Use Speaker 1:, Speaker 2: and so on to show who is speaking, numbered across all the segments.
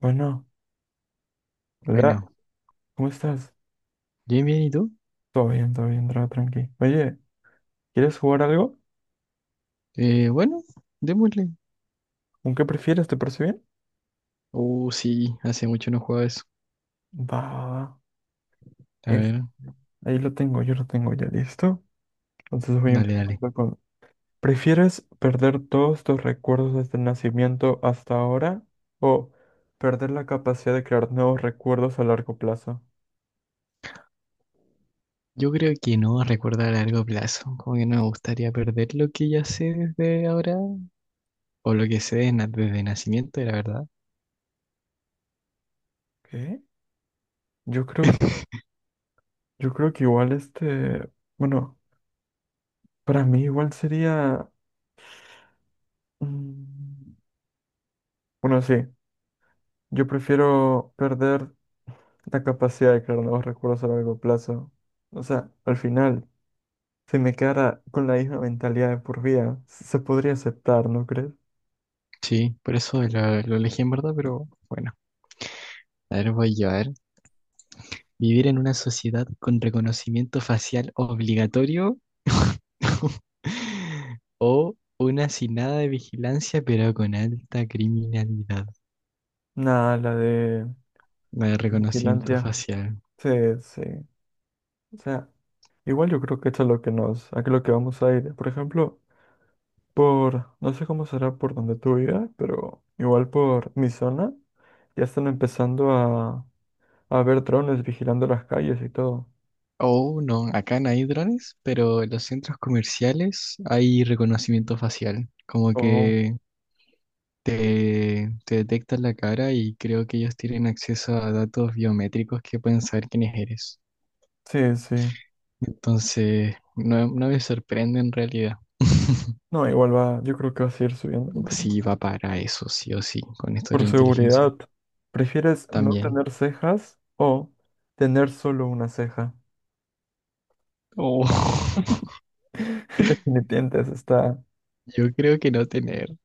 Speaker 1: Bueno, hola,
Speaker 2: Bueno,
Speaker 1: ¿cómo estás?
Speaker 2: bien, bien, ¿y tú?
Speaker 1: Todo bien, todo bien, todo tranqui. Oye, ¿quieres jugar algo?
Speaker 2: Bueno, démosle.
Speaker 1: ¿Un qué prefieres? ¿Te parece bien?
Speaker 2: Oh, sí, hace mucho no juego eso.
Speaker 1: Va, va, va.
Speaker 2: A
Speaker 1: Es-
Speaker 2: ver,
Speaker 1: Ahí lo tengo, yo lo tengo ya listo. Entonces voy
Speaker 2: dale, dale.
Speaker 1: empezando con... ¿Prefieres perder todos tus recuerdos desde el nacimiento hasta ahora o perder la capacidad de crear nuevos recuerdos a largo plazo?
Speaker 2: Yo creo que no recuerdo a largo plazo, como que no me gustaría perder lo que ya sé desde ahora, o lo que sé desde nacimiento, la verdad.
Speaker 1: ¿Qué? Yo creo que, yo creo que igual este, bueno, para mí igual sería, mm, bueno, sí. Yo prefiero perder la capacidad de crear nuevos recuerdos a largo plazo. O sea, al final, si me quedara con la misma mentalidad de por vida, se podría aceptar, ¿no crees?
Speaker 2: Sí, por eso lo elegí en verdad, pero bueno, a ver, voy yo, a ver. Vivir en una sociedad con reconocimiento facial obligatorio o una sin nada de vigilancia, pero con alta criminalidad.
Speaker 1: Nada, la de
Speaker 2: De reconocimiento
Speaker 1: vigilancia.
Speaker 2: facial.
Speaker 1: Sí, sí. O sea, igual yo creo que esto es lo que a lo que vamos a ir. Por ejemplo, no sé cómo será por donde tú vivas, pero igual por mi zona, ya están empezando a ver drones vigilando las calles y todo.
Speaker 2: Oh, no, acá no hay drones, pero en los centros comerciales hay reconocimiento facial. Como
Speaker 1: Oh,
Speaker 2: que te detectan la cara y creo que ellos tienen acceso a datos biométricos que pueden saber quiénes eres.
Speaker 1: sí, sí.
Speaker 2: Entonces, no, no me sorprende en realidad.
Speaker 1: No, igual va, yo creo que va a seguir subiendo,
Speaker 2: Sí, va para eso, sí o sí, con esto de la
Speaker 1: por
Speaker 2: inteligencia
Speaker 1: seguridad. ¿Prefieres no
Speaker 2: también.
Speaker 1: tener cejas o tener solo una ceja?
Speaker 2: Oh,
Speaker 1: Definitivamente eso está.
Speaker 2: yo creo que no tener,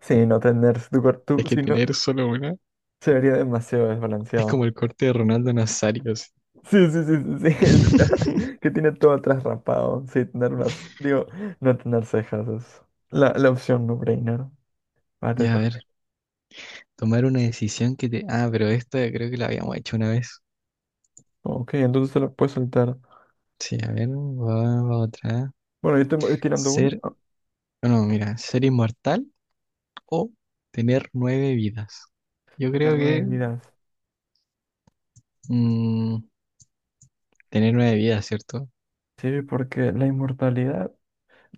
Speaker 1: Sí, no tener tu
Speaker 2: es
Speaker 1: cuerpo,
Speaker 2: que
Speaker 1: si no,
Speaker 2: tener solo una
Speaker 1: se vería demasiado
Speaker 2: es
Speaker 1: desbalanceado.
Speaker 2: como el corte de Ronaldo Nazario.
Speaker 1: Sí, sí, sí, sí, sí. el- la- que tiene todo atrás rapado. Sí, tener unas. Digo, no tener cejas es la opción no-brainer. Va, te
Speaker 2: Ya, a
Speaker 1: toca.
Speaker 2: ver, tomar una decisión que te... Ah, pero esta creo que la habíamos hecho una vez.
Speaker 1: Ok, entonces te la puedes soltar.
Speaker 2: Sí, a ver, va, va otra.
Speaker 1: Bueno, yo te voy tirando uno.
Speaker 2: Ser,
Speaker 1: Ah,
Speaker 2: no, mira, ser inmortal o tener nueve vidas. Yo creo
Speaker 1: tener nueve
Speaker 2: que
Speaker 1: vidas.
Speaker 2: mm, tener nueve vidas, ¿cierto?
Speaker 1: Sí, porque la inmortalidad.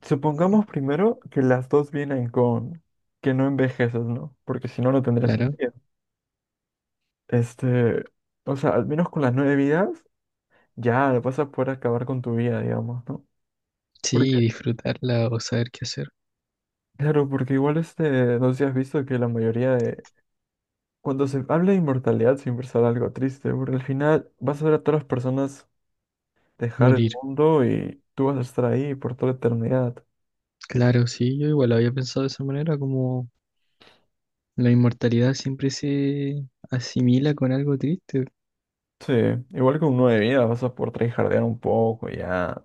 Speaker 1: Supongamos primero que las dos vienen con que no envejeces, ¿no? Porque si no, no tendría
Speaker 2: Claro.
Speaker 1: sentido. Este, o sea, al menos con las nueve vidas, ya vas a poder acabar con tu vida, digamos, ¿no? Porque,
Speaker 2: Sí, disfrutarla o saber qué hacer.
Speaker 1: claro, porque igual este, no sé si has visto que la mayoría de... Cuando se habla de inmortalidad siempre sale algo triste, porque al final vas a ver a todas las personas dejar el
Speaker 2: Morir.
Speaker 1: mundo y tú vas a estar ahí por toda la eternidad.
Speaker 2: Claro, sí, yo igual lo había pensado de esa manera, como la inmortalidad siempre se asimila con algo triste.
Speaker 1: Sí, igual que un 9 de vida, vas a poder tryhardear un poco, ya.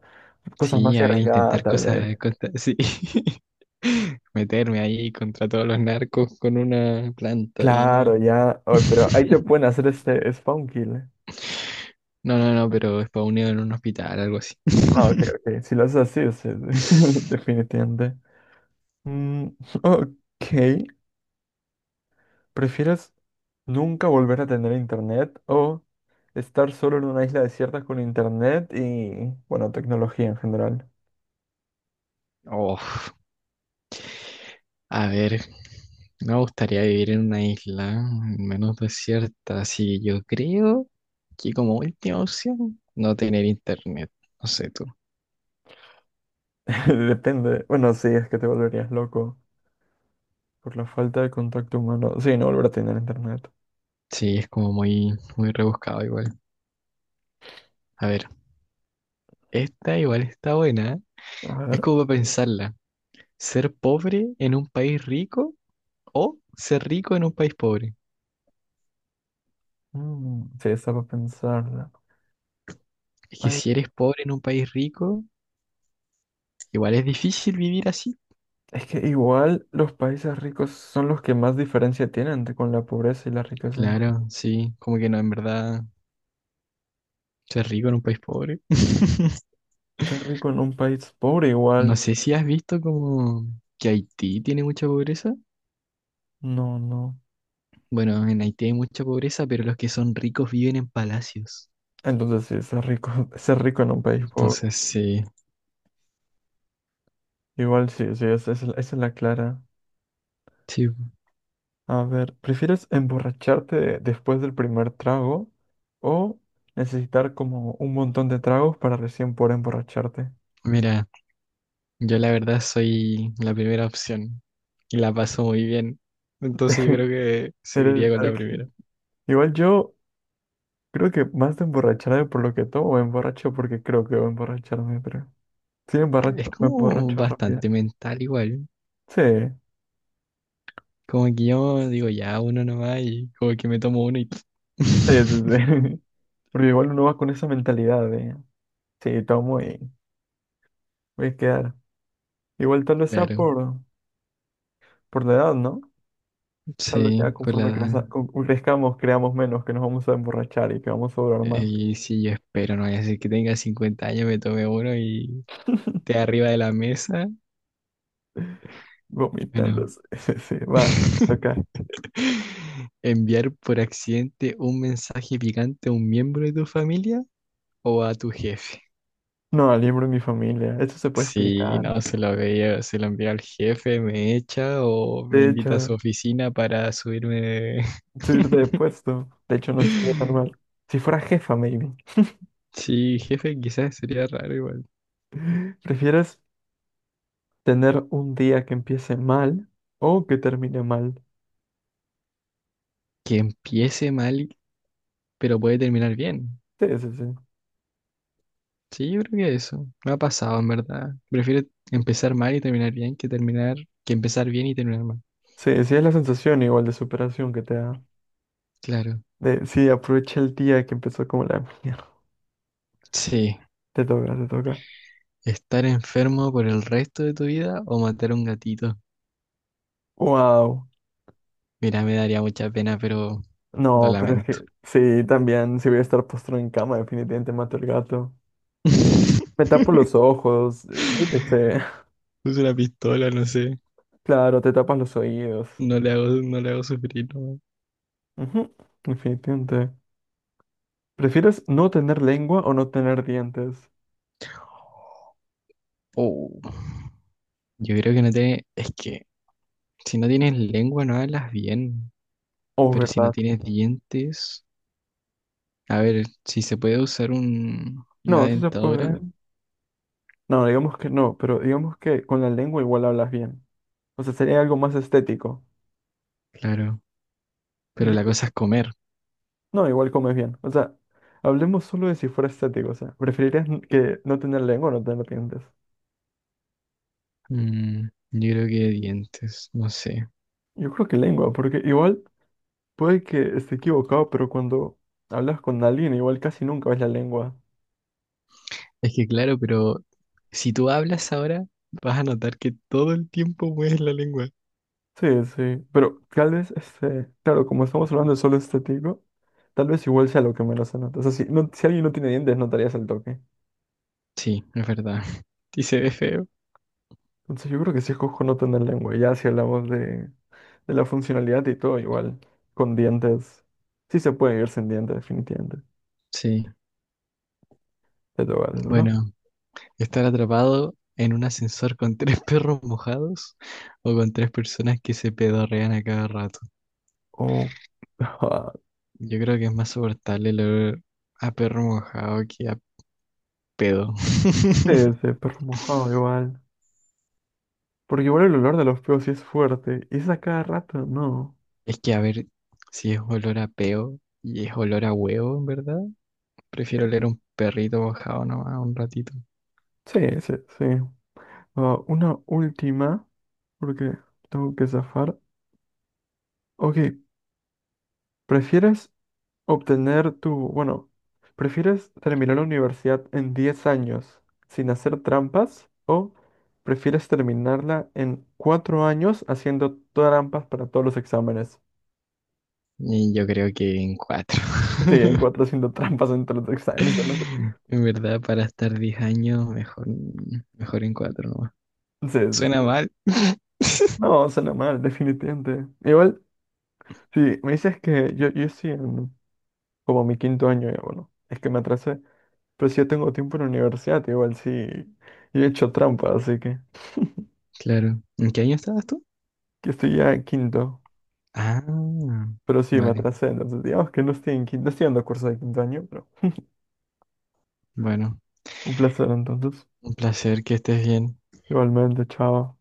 Speaker 1: Cosas
Speaker 2: Sí,
Speaker 1: más
Speaker 2: a ver,
Speaker 1: arriesgadas,
Speaker 2: intentar
Speaker 1: tal vez.
Speaker 2: cosas sí. Meterme ahí contra todos los narcos con una planta y nomás.
Speaker 1: Claro, ya. Oye, pero ahí te pueden hacer este spawn kill, ¿Eh?
Speaker 2: No, no, no, pero es para unido en un hospital, algo así.
Speaker 1: Ah, ok, ok. Si lo haces así, es definitivamente. Mm, ok. ¿Prefieres nunca volver a tener internet o estar solo en una isla desierta con internet y, bueno, tecnología en general?
Speaker 2: Oh, a ver, me gustaría vivir en una isla menos desierta, así que yo creo que como última opción no tener internet, no sé tú.
Speaker 1: Depende. Bueno, sí, es que te volverías loco por la falta de contacto humano. Sí, no volver a tener internet.
Speaker 2: Sí, es como muy, muy rebuscado igual. A ver, esta igual está buena, ¿eh?
Speaker 1: A
Speaker 2: Es
Speaker 1: ver,
Speaker 2: como para pensarla. ¿Ser pobre en un país rico o ser rico en un país pobre?
Speaker 1: mm, sí, está para pensarla.
Speaker 2: Es que
Speaker 1: Ay,
Speaker 2: si eres pobre en un país rico, igual es difícil vivir así.
Speaker 1: es que igual los países ricos son los que más diferencia tienen con la pobreza y la riqueza.
Speaker 2: Claro, sí, como que no, en verdad, ser rico en un país pobre.
Speaker 1: Ser rico en un país pobre
Speaker 2: No
Speaker 1: igual,
Speaker 2: sé si has visto como que Haití tiene mucha pobreza.
Speaker 1: no, no.
Speaker 2: Bueno, en Haití hay mucha pobreza, pero los que son ricos viven en palacios.
Speaker 1: Entonces sí, ser rico, ser rico en un país pobre.
Speaker 2: Entonces, sí,
Speaker 1: Igual sí, sí, esa es la clara.
Speaker 2: sí,
Speaker 1: A ver, ¿prefieres emborracharte después del primer trago o necesitar como un montón de tragos para recién poder emborracharte?
Speaker 2: mira, yo la verdad soy la primera opción y la paso muy bien. Entonces yo creo que seguiría
Speaker 1: Eres-
Speaker 2: con la
Speaker 1: ok.
Speaker 2: primera.
Speaker 1: Igual yo... Creo que más de emborracharme por lo que tomo, me emborracho porque creo que voy a emborracharme, pero sí me
Speaker 2: Es
Speaker 1: emborracho, me
Speaker 2: como
Speaker 1: emborracho rápido.
Speaker 2: bastante mental igual.
Speaker 1: Sí,
Speaker 2: Como que yo digo, ya, uno nomás y como que me tomo uno.
Speaker 1: sí, sí, sí. Porque igual uno va con esa mentalidad de, sí, tomo y voy a quedar. Igual tal vez sea
Speaker 2: Claro,
Speaker 1: por la edad, ¿no? Tal vez
Speaker 2: sí,
Speaker 1: ya
Speaker 2: por la
Speaker 1: conforme
Speaker 2: edad.
Speaker 1: crezcamos, creamos menos, que nos vamos a emborrachar y que vamos a durar más
Speaker 2: Y si yo espero, no vaya a ser que tenga 50 años, me tome uno y esté arriba de la mesa.
Speaker 1: vomitando.
Speaker 2: Bueno.
Speaker 1: Sí, sí, sí, va, acá.
Speaker 2: Enviar por accidente un mensaje picante a un miembro de tu familia o a tu jefe.
Speaker 1: No, libro en mi familia, eso se puede
Speaker 2: Si
Speaker 1: explicar.
Speaker 2: no se lo veía, se lo envía al jefe, me echa o me
Speaker 1: De
Speaker 2: invita a
Speaker 1: hecho.
Speaker 2: su oficina para subirme.
Speaker 1: Subirte de puesto. De hecho, no estaría tan mal. Si fuera jefa, maybe.
Speaker 2: Sí, jefe, quizás sería raro igual.
Speaker 1: ¿Prefieres tener un día que empiece mal o que termine mal?
Speaker 2: Que empiece mal, pero puede terminar bien.
Speaker 1: Sí, sí, sí.
Speaker 2: Sí, yo creo que eso. No ha pasado, en verdad. Prefiero empezar mal y terminar bien que empezar bien y terminar mal.
Speaker 1: Sí, sí es la sensación igual de superación que te da.
Speaker 2: Claro.
Speaker 1: Sí, aprovecha el día que empezó como la mierda.
Speaker 2: Sí.
Speaker 1: Te toca, te toca.
Speaker 2: Estar enfermo por el resto de tu vida o matar a un gatito.
Speaker 1: Wow.
Speaker 2: Mira, me daría mucha pena, pero lo
Speaker 1: No, pero es
Speaker 2: lamento.
Speaker 1: que sí, también, si voy a estar postrado en cama, definitivamente mato al gato. Me tapo los ojos, yo qué sé.
Speaker 2: Es una pistola, no sé.
Speaker 1: Claro, te tapas los oídos.
Speaker 2: No le hago, no le hago sufrir, no.
Speaker 1: Ujú, definitivamente. ¿Prefieres no tener lengua o no tener dientes?
Speaker 2: Oh, yo creo que no te... Es que si no tienes lengua no hablas bien,
Speaker 1: Oh,
Speaker 2: pero si no
Speaker 1: ¿verdad?
Speaker 2: tienes dientes. A ver, si se puede usar una
Speaker 1: No, sí se
Speaker 2: dentadura,
Speaker 1: puede. No, digamos que no, pero digamos que con la lengua igual hablas bien. O sea, sería algo más estético.
Speaker 2: claro, pero
Speaker 1: Yo
Speaker 2: la
Speaker 1: creo-
Speaker 2: cosa es comer.
Speaker 1: No, igual comes bien. O sea, hablemos solo de si fuera estético. O sea, ¿preferirías que no tener lengua o no tener dientes?
Speaker 2: Yo creo que dientes, no sé.
Speaker 1: Yo creo que lengua, porque igual puede que esté equivocado, pero cuando hablas con alguien, igual casi nunca ves la lengua.
Speaker 2: Es que claro, pero si tú hablas ahora, vas a notar que todo el tiempo mueves la lengua.
Speaker 1: Sí, sí, pero tal vez, este, claro, como estamos hablando de solo estético. Tal vez igual sea lo que menos se nota. O sea, si alguien no tiene dientes, notarías el toque.
Speaker 2: Sí, es verdad. Y se ve feo.
Speaker 1: Entonces yo creo que sí escojo no tener lengua. Ya si hablamos de la funcionalidad y todo, igual. Con dientes. Sí se puede vivir sin dientes, definitivamente.
Speaker 2: Sí.
Speaker 1: Te toca, te toca.
Speaker 2: Bueno, estar atrapado en un ascensor con tres perros mojados o con tres personas que se pedorrean a cada rato.
Speaker 1: O...
Speaker 2: Yo creo que es más soportable el olor a perro mojado que a pedo.
Speaker 1: Sí, sí, perro mojado igual. Porque igual el olor de los peos sí es fuerte. Y es a cada rato, no.
Speaker 2: Es que, a ver, si es olor a peo y es olor a huevo, en verdad, prefiero
Speaker 1: Eh,
Speaker 2: oler un perrito mojado nomás un ratito.
Speaker 1: Sí, sí, sí. Ah, una última, porque tengo que zafar. Ok, ¿prefieres Obtener tu, bueno, ¿prefieres terminar la universidad en 10 años sin hacer trampas o prefieres terminarla en 4 años haciendo trampas para todos los exámenes?
Speaker 2: Y yo creo que en cuatro.
Speaker 1: Sí, en cuatro haciendo trampas entre los exámenes. No, sé.
Speaker 2: En verdad, para estar 10 años, mejor, mejor en cuatro nomás.
Speaker 1: Sí, sí, sí.
Speaker 2: Suena mal.
Speaker 1: No, suena mal, definitivamente. Igual, sí, me dices que yo sí en como mi quinto año, ya, bueno, es que me atrasé, pero si yo tengo tiempo en la universidad, igual sí, yo he hecho trampa, así que,
Speaker 2: Claro. ¿En qué año estabas tú?
Speaker 1: que estoy ya en quinto.
Speaker 2: Ah,
Speaker 1: Pero sí, me
Speaker 2: vale.
Speaker 1: atrasé, entonces digamos que no estoy en quinto, no estoy dando curso de quinto año, pero
Speaker 2: Bueno,
Speaker 1: un placer entonces.
Speaker 2: un placer que estés bien.
Speaker 1: Igualmente, chao.